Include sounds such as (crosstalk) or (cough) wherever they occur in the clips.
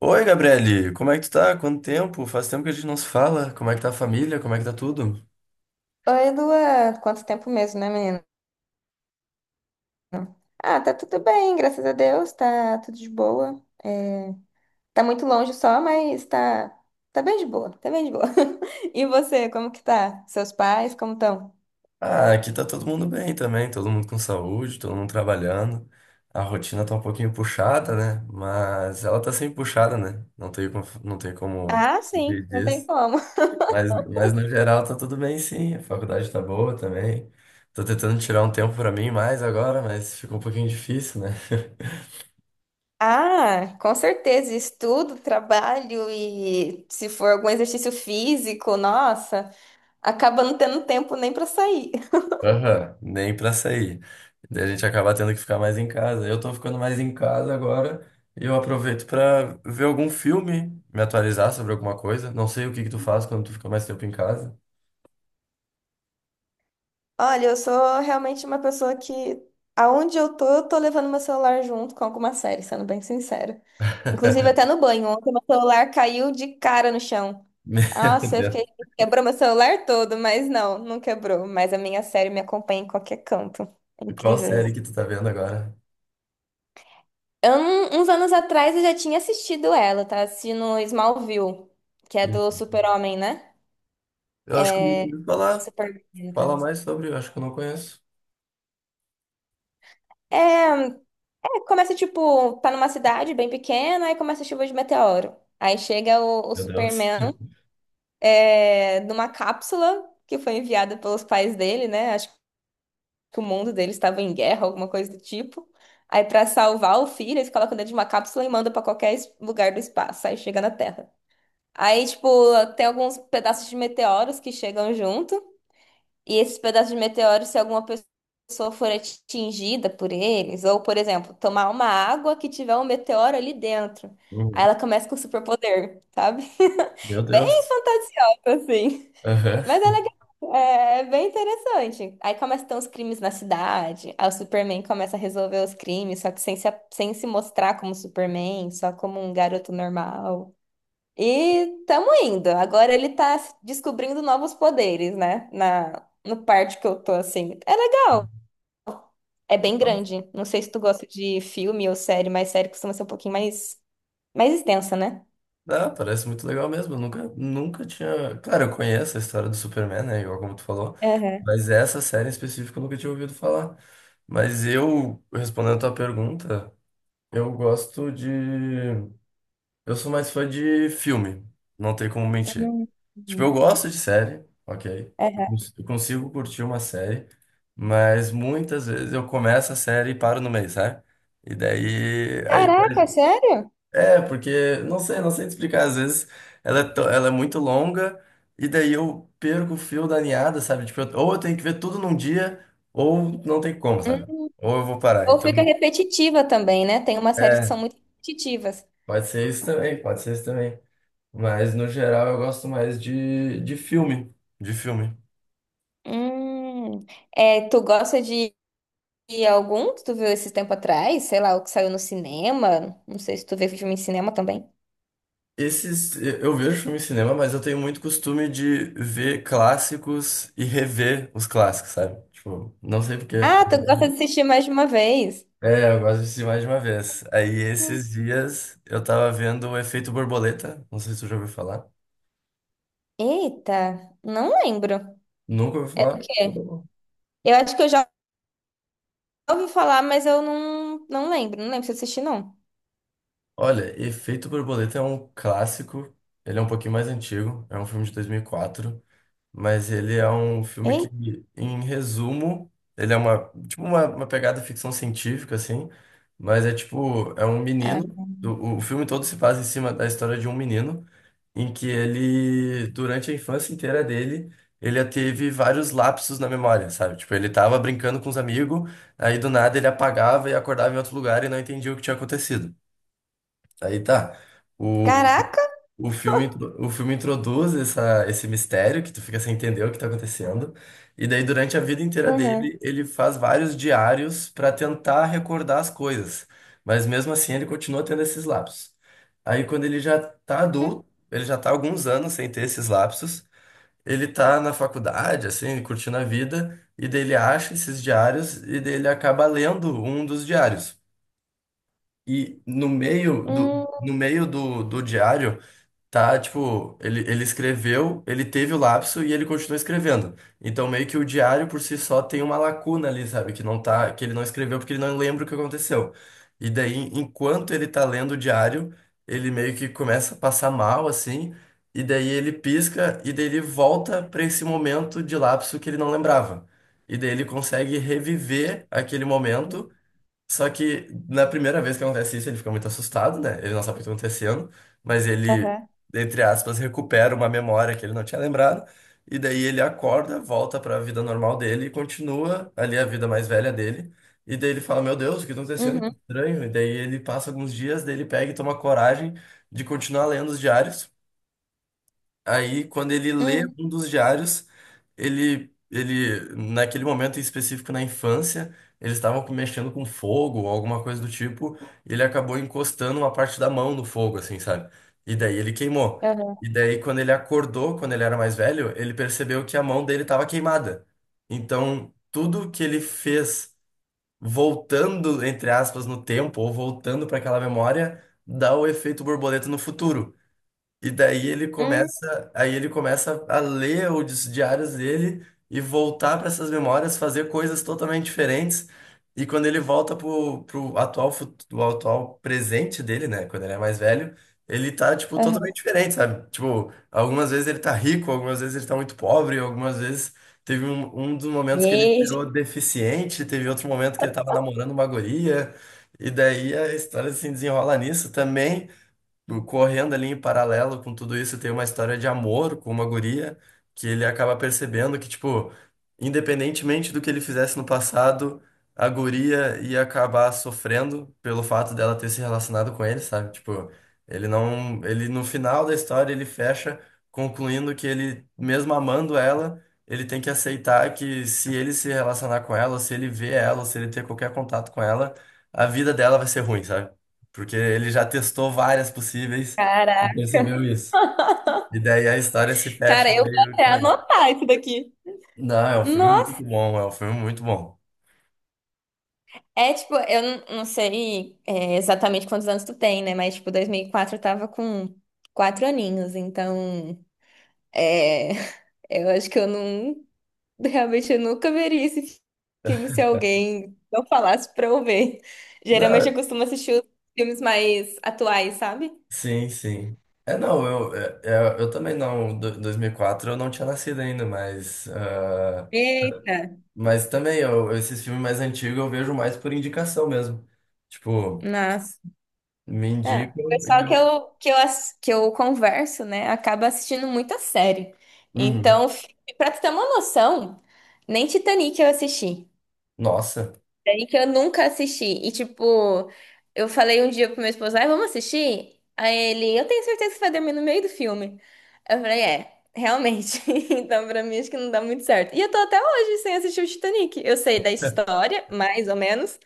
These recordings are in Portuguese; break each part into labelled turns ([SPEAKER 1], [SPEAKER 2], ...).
[SPEAKER 1] Oi, Gabriele, como é que tu tá? Quanto tempo? Faz tempo que a gente não se fala. Como é que tá a família? Como é que tá tudo?
[SPEAKER 2] Oi, Luan. Quanto tempo mesmo, né, menino? Ah, tá tudo bem, graças a Deus, tá tudo de boa. É, tá muito longe só, mas tá, tá bem de boa, tá bem de boa. (laughs) E você, como que tá? Seus pais, como estão?
[SPEAKER 1] Ah, aqui tá todo mundo bem também, todo mundo com saúde, todo mundo trabalhando. A rotina tá um pouquinho puxada, né? Mas ela tá sempre puxada, né? Não tem como
[SPEAKER 2] Ah, sim,
[SPEAKER 1] fugir
[SPEAKER 2] não tem
[SPEAKER 1] disso.
[SPEAKER 2] como.
[SPEAKER 1] Mas no geral tá tudo bem sim, a faculdade tá boa também. Tô tentando tirar um tempo pra mim mais agora, mas ficou um pouquinho difícil, né?
[SPEAKER 2] Ah, com certeza, estudo, trabalho e se for algum exercício físico, nossa, acaba não tendo tempo nem pra sair. (laughs)
[SPEAKER 1] Aham, nem pra sair. Daí a gente acaba tendo que ficar mais em casa. Eu tô ficando mais em casa agora e eu aproveito pra ver algum filme, me atualizar sobre alguma coisa. Não sei o que que tu faz quando tu fica mais tempo em casa.
[SPEAKER 2] Olha, eu sou realmente uma pessoa que, aonde eu tô levando meu celular junto com alguma série, sendo bem sincera. Inclusive,
[SPEAKER 1] (laughs)
[SPEAKER 2] até no banho, ontem meu celular caiu de cara no chão.
[SPEAKER 1] Meu
[SPEAKER 2] Nossa, eu
[SPEAKER 1] Deus.
[SPEAKER 2] fiquei. Quebrou meu celular todo, mas não, não quebrou. Mas a minha série me acompanha em qualquer canto. É
[SPEAKER 1] Qual
[SPEAKER 2] incrível
[SPEAKER 1] série
[SPEAKER 2] isso.
[SPEAKER 1] que tu tá vendo agora?
[SPEAKER 2] Eu, uns anos atrás eu já tinha assistido ela, tá? Assistindo Smallville, que é do Super-Homem, né?
[SPEAKER 1] Eu acho que eu nunca ouvi falar.
[SPEAKER 2] Superman, no
[SPEAKER 1] Fala
[SPEAKER 2] caso.
[SPEAKER 1] mais sobre, eu acho que eu não conheço.
[SPEAKER 2] É, É, começa, tipo, tá numa cidade bem pequena, aí começa a chuva de meteoro. Aí chega o
[SPEAKER 1] Meu Deus.
[SPEAKER 2] Superman
[SPEAKER 1] (laughs)
[SPEAKER 2] é, numa cápsula que foi enviada pelos pais dele, né? Acho que o mundo dele estava em guerra, alguma coisa do tipo. Aí, pra salvar o filho, eles colocam dentro de uma cápsula e mandam pra qualquer lugar do espaço. Aí chega na Terra. Aí, tipo, tem alguns pedaços de meteoros que chegam junto. E esses pedaços de meteoro, se alguma pessoa for atingida por eles, ou, por exemplo, tomar uma água que tiver um meteoro ali dentro, aí
[SPEAKER 1] Uhum.
[SPEAKER 2] ela começa com superpoder, sabe?
[SPEAKER 1] Meu
[SPEAKER 2] (laughs) Bem
[SPEAKER 1] Deus.
[SPEAKER 2] fantasiosa, assim.
[SPEAKER 1] Aham.
[SPEAKER 2] Mas é legal, é bem interessante. Aí começam a ter uns crimes na cidade, aí o Superman começa a resolver os crimes, só que sem se mostrar como Superman, só como um garoto normal. E tamo indo. Agora ele tá descobrindo novos poderes, né? No parte que eu tô assim. É legal. É bem grande. Não sei se tu gosta de filme ou série, mas série costuma ser um pouquinho mais, mais extensa, né?
[SPEAKER 1] Ah, parece muito legal mesmo. Eu nunca tinha. Claro, eu conheço a história do Superman, né? Igual como tu falou.
[SPEAKER 2] Aham.
[SPEAKER 1] Mas essa série em específico eu nunca tinha ouvido falar. Mas eu, respondendo a tua pergunta, eu gosto de. Eu sou mais fã de filme. Não tem como mentir.
[SPEAKER 2] Hum,
[SPEAKER 1] Tipo, eu
[SPEAKER 2] hum,
[SPEAKER 1] gosto de série, ok? Eu
[SPEAKER 2] aham.
[SPEAKER 1] cons- eu consigo curtir uma série. Mas muitas vezes eu começo a série e paro no meio, sabe? E daí. Aí,
[SPEAKER 2] Caraca, sério?
[SPEAKER 1] é, porque, não sei, não sei te explicar. Às vezes ela é muito longa e daí eu perco o fio da meada, sabe? Tipo, ou eu tenho que ver tudo num dia, ou não tem como, sabe?
[SPEAKER 2] Hum.
[SPEAKER 1] Ou eu vou parar.
[SPEAKER 2] Ou
[SPEAKER 1] Então,
[SPEAKER 2] fica repetitiva também, né? Tem umas séries que são
[SPEAKER 1] é,
[SPEAKER 2] muito repetitivas.
[SPEAKER 1] pode ser isso também. Mas, no geral, eu gosto mais de filme. De filme.
[SPEAKER 2] Hum. É, tu gosta de algum que tu viu esses tempo atrás? Sei lá, o que saiu no cinema? Não sei se tu vê filme em cinema também.
[SPEAKER 1] Esses, eu vejo filme em cinema, mas eu tenho muito costume de ver clássicos e rever os clássicos, sabe? Tipo, não sei porquê.
[SPEAKER 2] Ah, tu gosta de assistir mais de uma vez?
[SPEAKER 1] É, eu gosto de assistir mais de uma vez. Aí
[SPEAKER 2] Hum.
[SPEAKER 1] esses dias eu tava vendo o Efeito Borboleta, não sei se tu já ouviu falar.
[SPEAKER 2] Eita, não lembro. O
[SPEAKER 1] Nunca ouviu falar?
[SPEAKER 2] quê? Eu acho que eu já ouvi falar, mas eu não lembro. Não lembro se eu assisti, não.
[SPEAKER 1] Olha, Efeito Borboleta é um clássico, ele é um pouquinho mais antigo, é um filme de 2004, mas ele é um filme que, em resumo, ele é tipo uma pegada ficção científica, assim, mas é tipo, é um menino,
[SPEAKER 2] Eita.
[SPEAKER 1] o filme todo se passa em cima da história de um menino, em que ele, durante a infância inteira dele, ele já teve vários lapsos na memória, sabe? Tipo, ele tava brincando com os amigos, aí do nada ele apagava e acordava em outro lugar e não entendia o que tinha acontecido. Aí tá. O,
[SPEAKER 2] Caraca!
[SPEAKER 1] o filme, o filme introduz esse mistério que tu fica sem entender o que tá acontecendo. E daí, durante a vida inteira
[SPEAKER 2] Uhum.
[SPEAKER 1] dele, ele faz vários diários para tentar recordar as coisas. Mas mesmo assim, ele continua tendo esses lapsos. Aí, quando ele já tá
[SPEAKER 2] Hum,
[SPEAKER 1] adulto, ele já tá há alguns anos sem ter esses lapsos. Ele tá na faculdade, assim, curtindo a vida. E daí, ele acha esses diários e daí, ele acaba lendo um dos diários. E no meio do,
[SPEAKER 2] hum,
[SPEAKER 1] no meio do, do diário tá, tipo, ele escreveu, ele teve o lapso e ele continua escrevendo. Então, meio que o diário por si só tem uma lacuna ali, sabe? Que não tá, que ele não escreveu porque ele não lembra o que aconteceu. E daí, enquanto ele tá lendo o diário, ele meio que começa a passar mal, assim, e daí ele pisca, e daí ele volta pra esse momento de lapso que ele não lembrava. E daí ele consegue reviver aquele momento só que na primeira vez que acontece isso, ele fica muito assustado, né? Ele não sabe o que está acontecendo, mas ele,
[SPEAKER 2] aham.
[SPEAKER 1] entre aspas, recupera uma memória que ele não tinha lembrado, e daí ele acorda, volta para a vida normal dele e continua ali a vida mais velha dele. E daí ele fala: Meu Deus, o que está acontecendo? Que
[SPEAKER 2] Uhum.
[SPEAKER 1] estranho. E daí ele passa alguns dias, daí ele pega e toma coragem de continuar lendo os diários. Aí, quando ele lê
[SPEAKER 2] Hum,
[SPEAKER 1] um dos diários, ele, naquele momento em específico na infância, eles estavam mexendo com fogo ou alguma coisa do tipo, e ele acabou encostando uma parte da mão no fogo, assim, sabe? E daí ele queimou.
[SPEAKER 2] aham.
[SPEAKER 1] E daí, quando ele acordou, quando ele era mais velho, ele percebeu que a mão dele estava queimada. Então, tudo que ele fez voltando, entre aspas, no tempo, ou voltando para aquela memória, dá o efeito borboleta no futuro. E daí ele
[SPEAKER 2] Hum,
[SPEAKER 1] começa, aí ele começa a ler os diários dele e voltar para essas memórias, fazer coisas totalmente diferentes. E quando ele volta pro atual, do atual presente dele, né, quando ele é mais velho, ele tá, tipo,
[SPEAKER 2] aham.
[SPEAKER 1] totalmente diferente, sabe? Tipo, algumas vezes ele tá rico, algumas vezes ele tá muito pobre, algumas vezes teve um dos momentos que ele
[SPEAKER 2] Gente,
[SPEAKER 1] virou deficiente, teve outro momento que ele tava namorando uma guria. E daí a história se desenrola nisso também correndo ali em paralelo com tudo isso, tem uma história de amor com uma guria que ele acaba percebendo que, tipo, independentemente do que ele fizesse no passado, a guria ia acabar sofrendo pelo fato dela ter se relacionado com ele, sabe? Tipo, ele no final da história ele fecha concluindo que ele, mesmo amando ela, ele tem que aceitar que se ele se relacionar com ela, ou se ele ver ela, ou se ele ter qualquer contato com ela, a vida dela vai ser ruim, sabe? Porque ele já testou várias possíveis e percebeu
[SPEAKER 2] caraca.
[SPEAKER 1] isso.
[SPEAKER 2] (laughs)
[SPEAKER 1] E daí a história se
[SPEAKER 2] Cara,
[SPEAKER 1] fecha
[SPEAKER 2] eu vou
[SPEAKER 1] meio
[SPEAKER 2] até
[SPEAKER 1] que nele.
[SPEAKER 2] anotar isso daqui.
[SPEAKER 1] Não, é um filme muito
[SPEAKER 2] Nossa,
[SPEAKER 1] bom, é um filme muito bom.
[SPEAKER 2] é tipo, eu não sei é, exatamente quantos anos tu tem, né? Mas tipo, 2004 eu tava com quatro aninhos, então. É, eu acho que eu não, realmente eu nunca veria esse filme se alguém não falasse pra eu ver. Geralmente
[SPEAKER 1] Não,
[SPEAKER 2] eu costumo assistir os filmes mais atuais, sabe?
[SPEAKER 1] sim, sim. É, não, eu, é, é, eu, também não, dois mil e quatro eu não tinha nascido ainda, mas, ah,
[SPEAKER 2] Eita,
[SPEAKER 1] mas também eu, esses filmes mais antigos eu vejo mais por indicação mesmo. Tipo,
[SPEAKER 2] nossa.
[SPEAKER 1] me
[SPEAKER 2] É, o
[SPEAKER 1] indicam e
[SPEAKER 2] pessoal
[SPEAKER 1] eu...
[SPEAKER 2] que eu, que eu converso, né, acaba assistindo muita série.
[SPEAKER 1] Uhum.
[SPEAKER 2] Então, pra tu ter uma noção, nem Titanic eu assisti.
[SPEAKER 1] Nossa.
[SPEAKER 2] Série que eu nunca assisti. E, tipo, eu falei um dia pro meu esposo, ai, vamos assistir? Aí ele, eu tenho certeza que vai dormir no meio do filme. Eu falei, é, realmente. (laughs) Então, pra mim, acho que não dá muito certo. E eu tô até hoje sem assistir o Titanic. Eu sei da história, mais ou menos,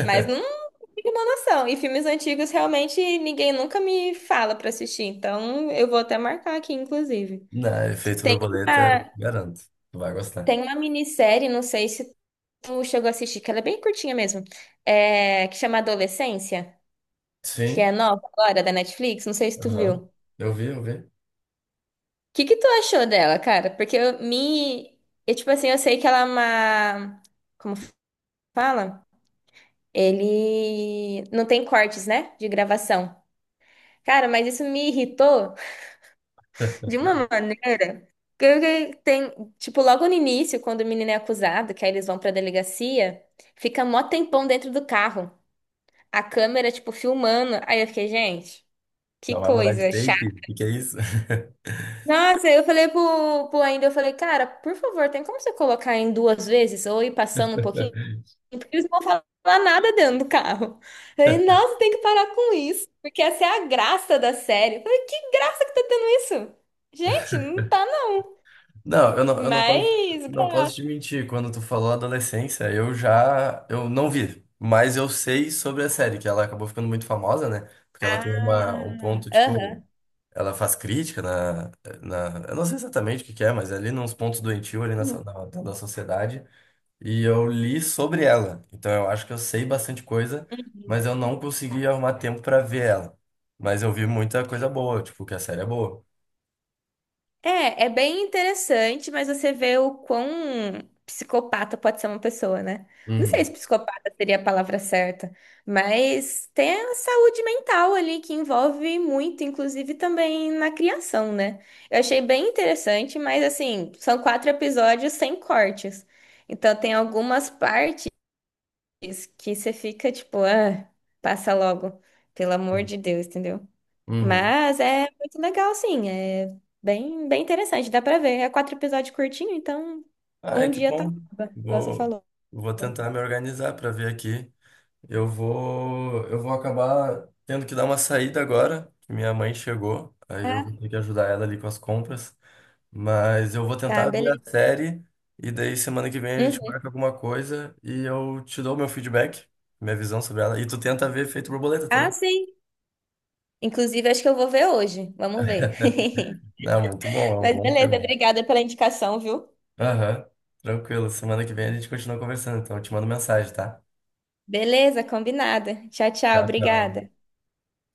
[SPEAKER 2] mas não tenho uma noção. E filmes antigos, realmente, ninguém nunca me fala pra assistir. Então, eu vou até marcar aqui, inclusive.
[SPEAKER 1] Não, Efeito
[SPEAKER 2] Tem
[SPEAKER 1] Borboleta,
[SPEAKER 2] uma,
[SPEAKER 1] garanto, tu vai gostar.
[SPEAKER 2] tem uma minissérie, não sei se tu chegou a assistir, que ela é bem curtinha mesmo, é, que chama Adolescência, que é
[SPEAKER 1] Sim.
[SPEAKER 2] nova agora da Netflix, não sei se tu viu.
[SPEAKER 1] Aham.
[SPEAKER 2] O
[SPEAKER 1] Eu vi.
[SPEAKER 2] que que tu achou dela, cara? Porque eu me, eu, tipo assim, eu sei que ela é uma, como fala? Ele não tem cortes, né, de gravação. Cara, mas isso me irritou (laughs) de
[SPEAKER 1] (laughs)
[SPEAKER 2] uma maneira que eu fiquei- tem, tipo, logo no início, quando o menino é acusado, que aí eles vão pra delegacia, fica mó tempão dentro do carro. A câmera, tipo, filmando. Aí eu fiquei, gente, que
[SPEAKER 1] Não vai mudar de
[SPEAKER 2] coisa
[SPEAKER 1] take?
[SPEAKER 2] chata.
[SPEAKER 1] O que que é isso? (laughs)
[SPEAKER 2] Nossa, aí eu falei pro, pro ainda, eu falei, cara, por favor, tem como você colocar em duas vezes ou ir passando um pouquinho? Porque eles não vão falar nada dentro do carro. Aí, nossa, tem que parar com isso, porque essa é a graça da série. Eu falei, que graça que tá tendo isso? Gente, não tá não.
[SPEAKER 1] Não, eu não posso,
[SPEAKER 2] Mas
[SPEAKER 1] não posso
[SPEAKER 2] graça.
[SPEAKER 1] te mentir. Quando tu falou adolescência, eu já, eu não vi, mas eu sei sobre a série, que ela acabou ficando muito famosa, né? Porque ela tem
[SPEAKER 2] Ah,
[SPEAKER 1] uma, um ponto, tipo,
[SPEAKER 2] aham.
[SPEAKER 1] ela faz crítica na, eu não sei exatamente o que que é, mas é ali nos pontos doentio ali na,
[SPEAKER 2] Uhum.
[SPEAKER 1] so- na, da da sociedade. E eu li sobre ela. Então eu acho que eu sei bastante coisa,
[SPEAKER 2] Uhum.
[SPEAKER 1] mas eu não consegui arrumar tempo pra ver ela. Mas eu vi muita coisa boa, tipo, que a série é boa.
[SPEAKER 2] É, é bem interessante, mas você vê o quão psicopata pode ser uma pessoa, né? Não sei se
[SPEAKER 1] Uhum.
[SPEAKER 2] psicopata seria a palavra certa, mas tem a saúde mental ali que envolve muito, inclusive também na criação, né? Eu achei bem interessante, mas assim, são quatro episódios sem cortes. Então tem algumas partes que você fica tipo, ah, passa logo, pelo amor de Deus, entendeu?
[SPEAKER 1] Uhum.
[SPEAKER 2] Mas é muito legal, sim. É bem, bem interessante, dá pra ver. É quatro episódios curtinho, então
[SPEAKER 1] Ah, é
[SPEAKER 2] um
[SPEAKER 1] que
[SPEAKER 2] dia tá,
[SPEAKER 1] bom.
[SPEAKER 2] acaba, igual você
[SPEAKER 1] Vou,
[SPEAKER 2] falou.
[SPEAKER 1] vou tentar me organizar pra ver aqui. Eu vou acabar tendo que dar uma saída agora, que minha mãe chegou. Aí eu vou
[SPEAKER 2] Tá,
[SPEAKER 1] ter que ajudar ela ali com as compras. Mas eu vou
[SPEAKER 2] tá,
[SPEAKER 1] tentar ver
[SPEAKER 2] beleza.
[SPEAKER 1] a série e daí semana que vem a gente
[SPEAKER 2] Uhum.
[SPEAKER 1] marca alguma coisa e eu te dou meu feedback, minha visão sobre ela. E tu tenta ver Efeito Borboleta
[SPEAKER 2] Ah,
[SPEAKER 1] também.
[SPEAKER 2] sim. Inclusive, acho que eu vou ver hoje. Vamos ver. (laughs)
[SPEAKER 1] É muito bom, é um
[SPEAKER 2] Mas
[SPEAKER 1] bom
[SPEAKER 2] beleza,
[SPEAKER 1] filme.
[SPEAKER 2] obrigada pela indicação, viu?
[SPEAKER 1] Aham, tranquilo. Semana que vem a gente continua conversando, então eu te mando mensagem, tá?
[SPEAKER 2] Beleza, combinada. Tchau, tchau,
[SPEAKER 1] Tchau, tchau.
[SPEAKER 2] obrigada.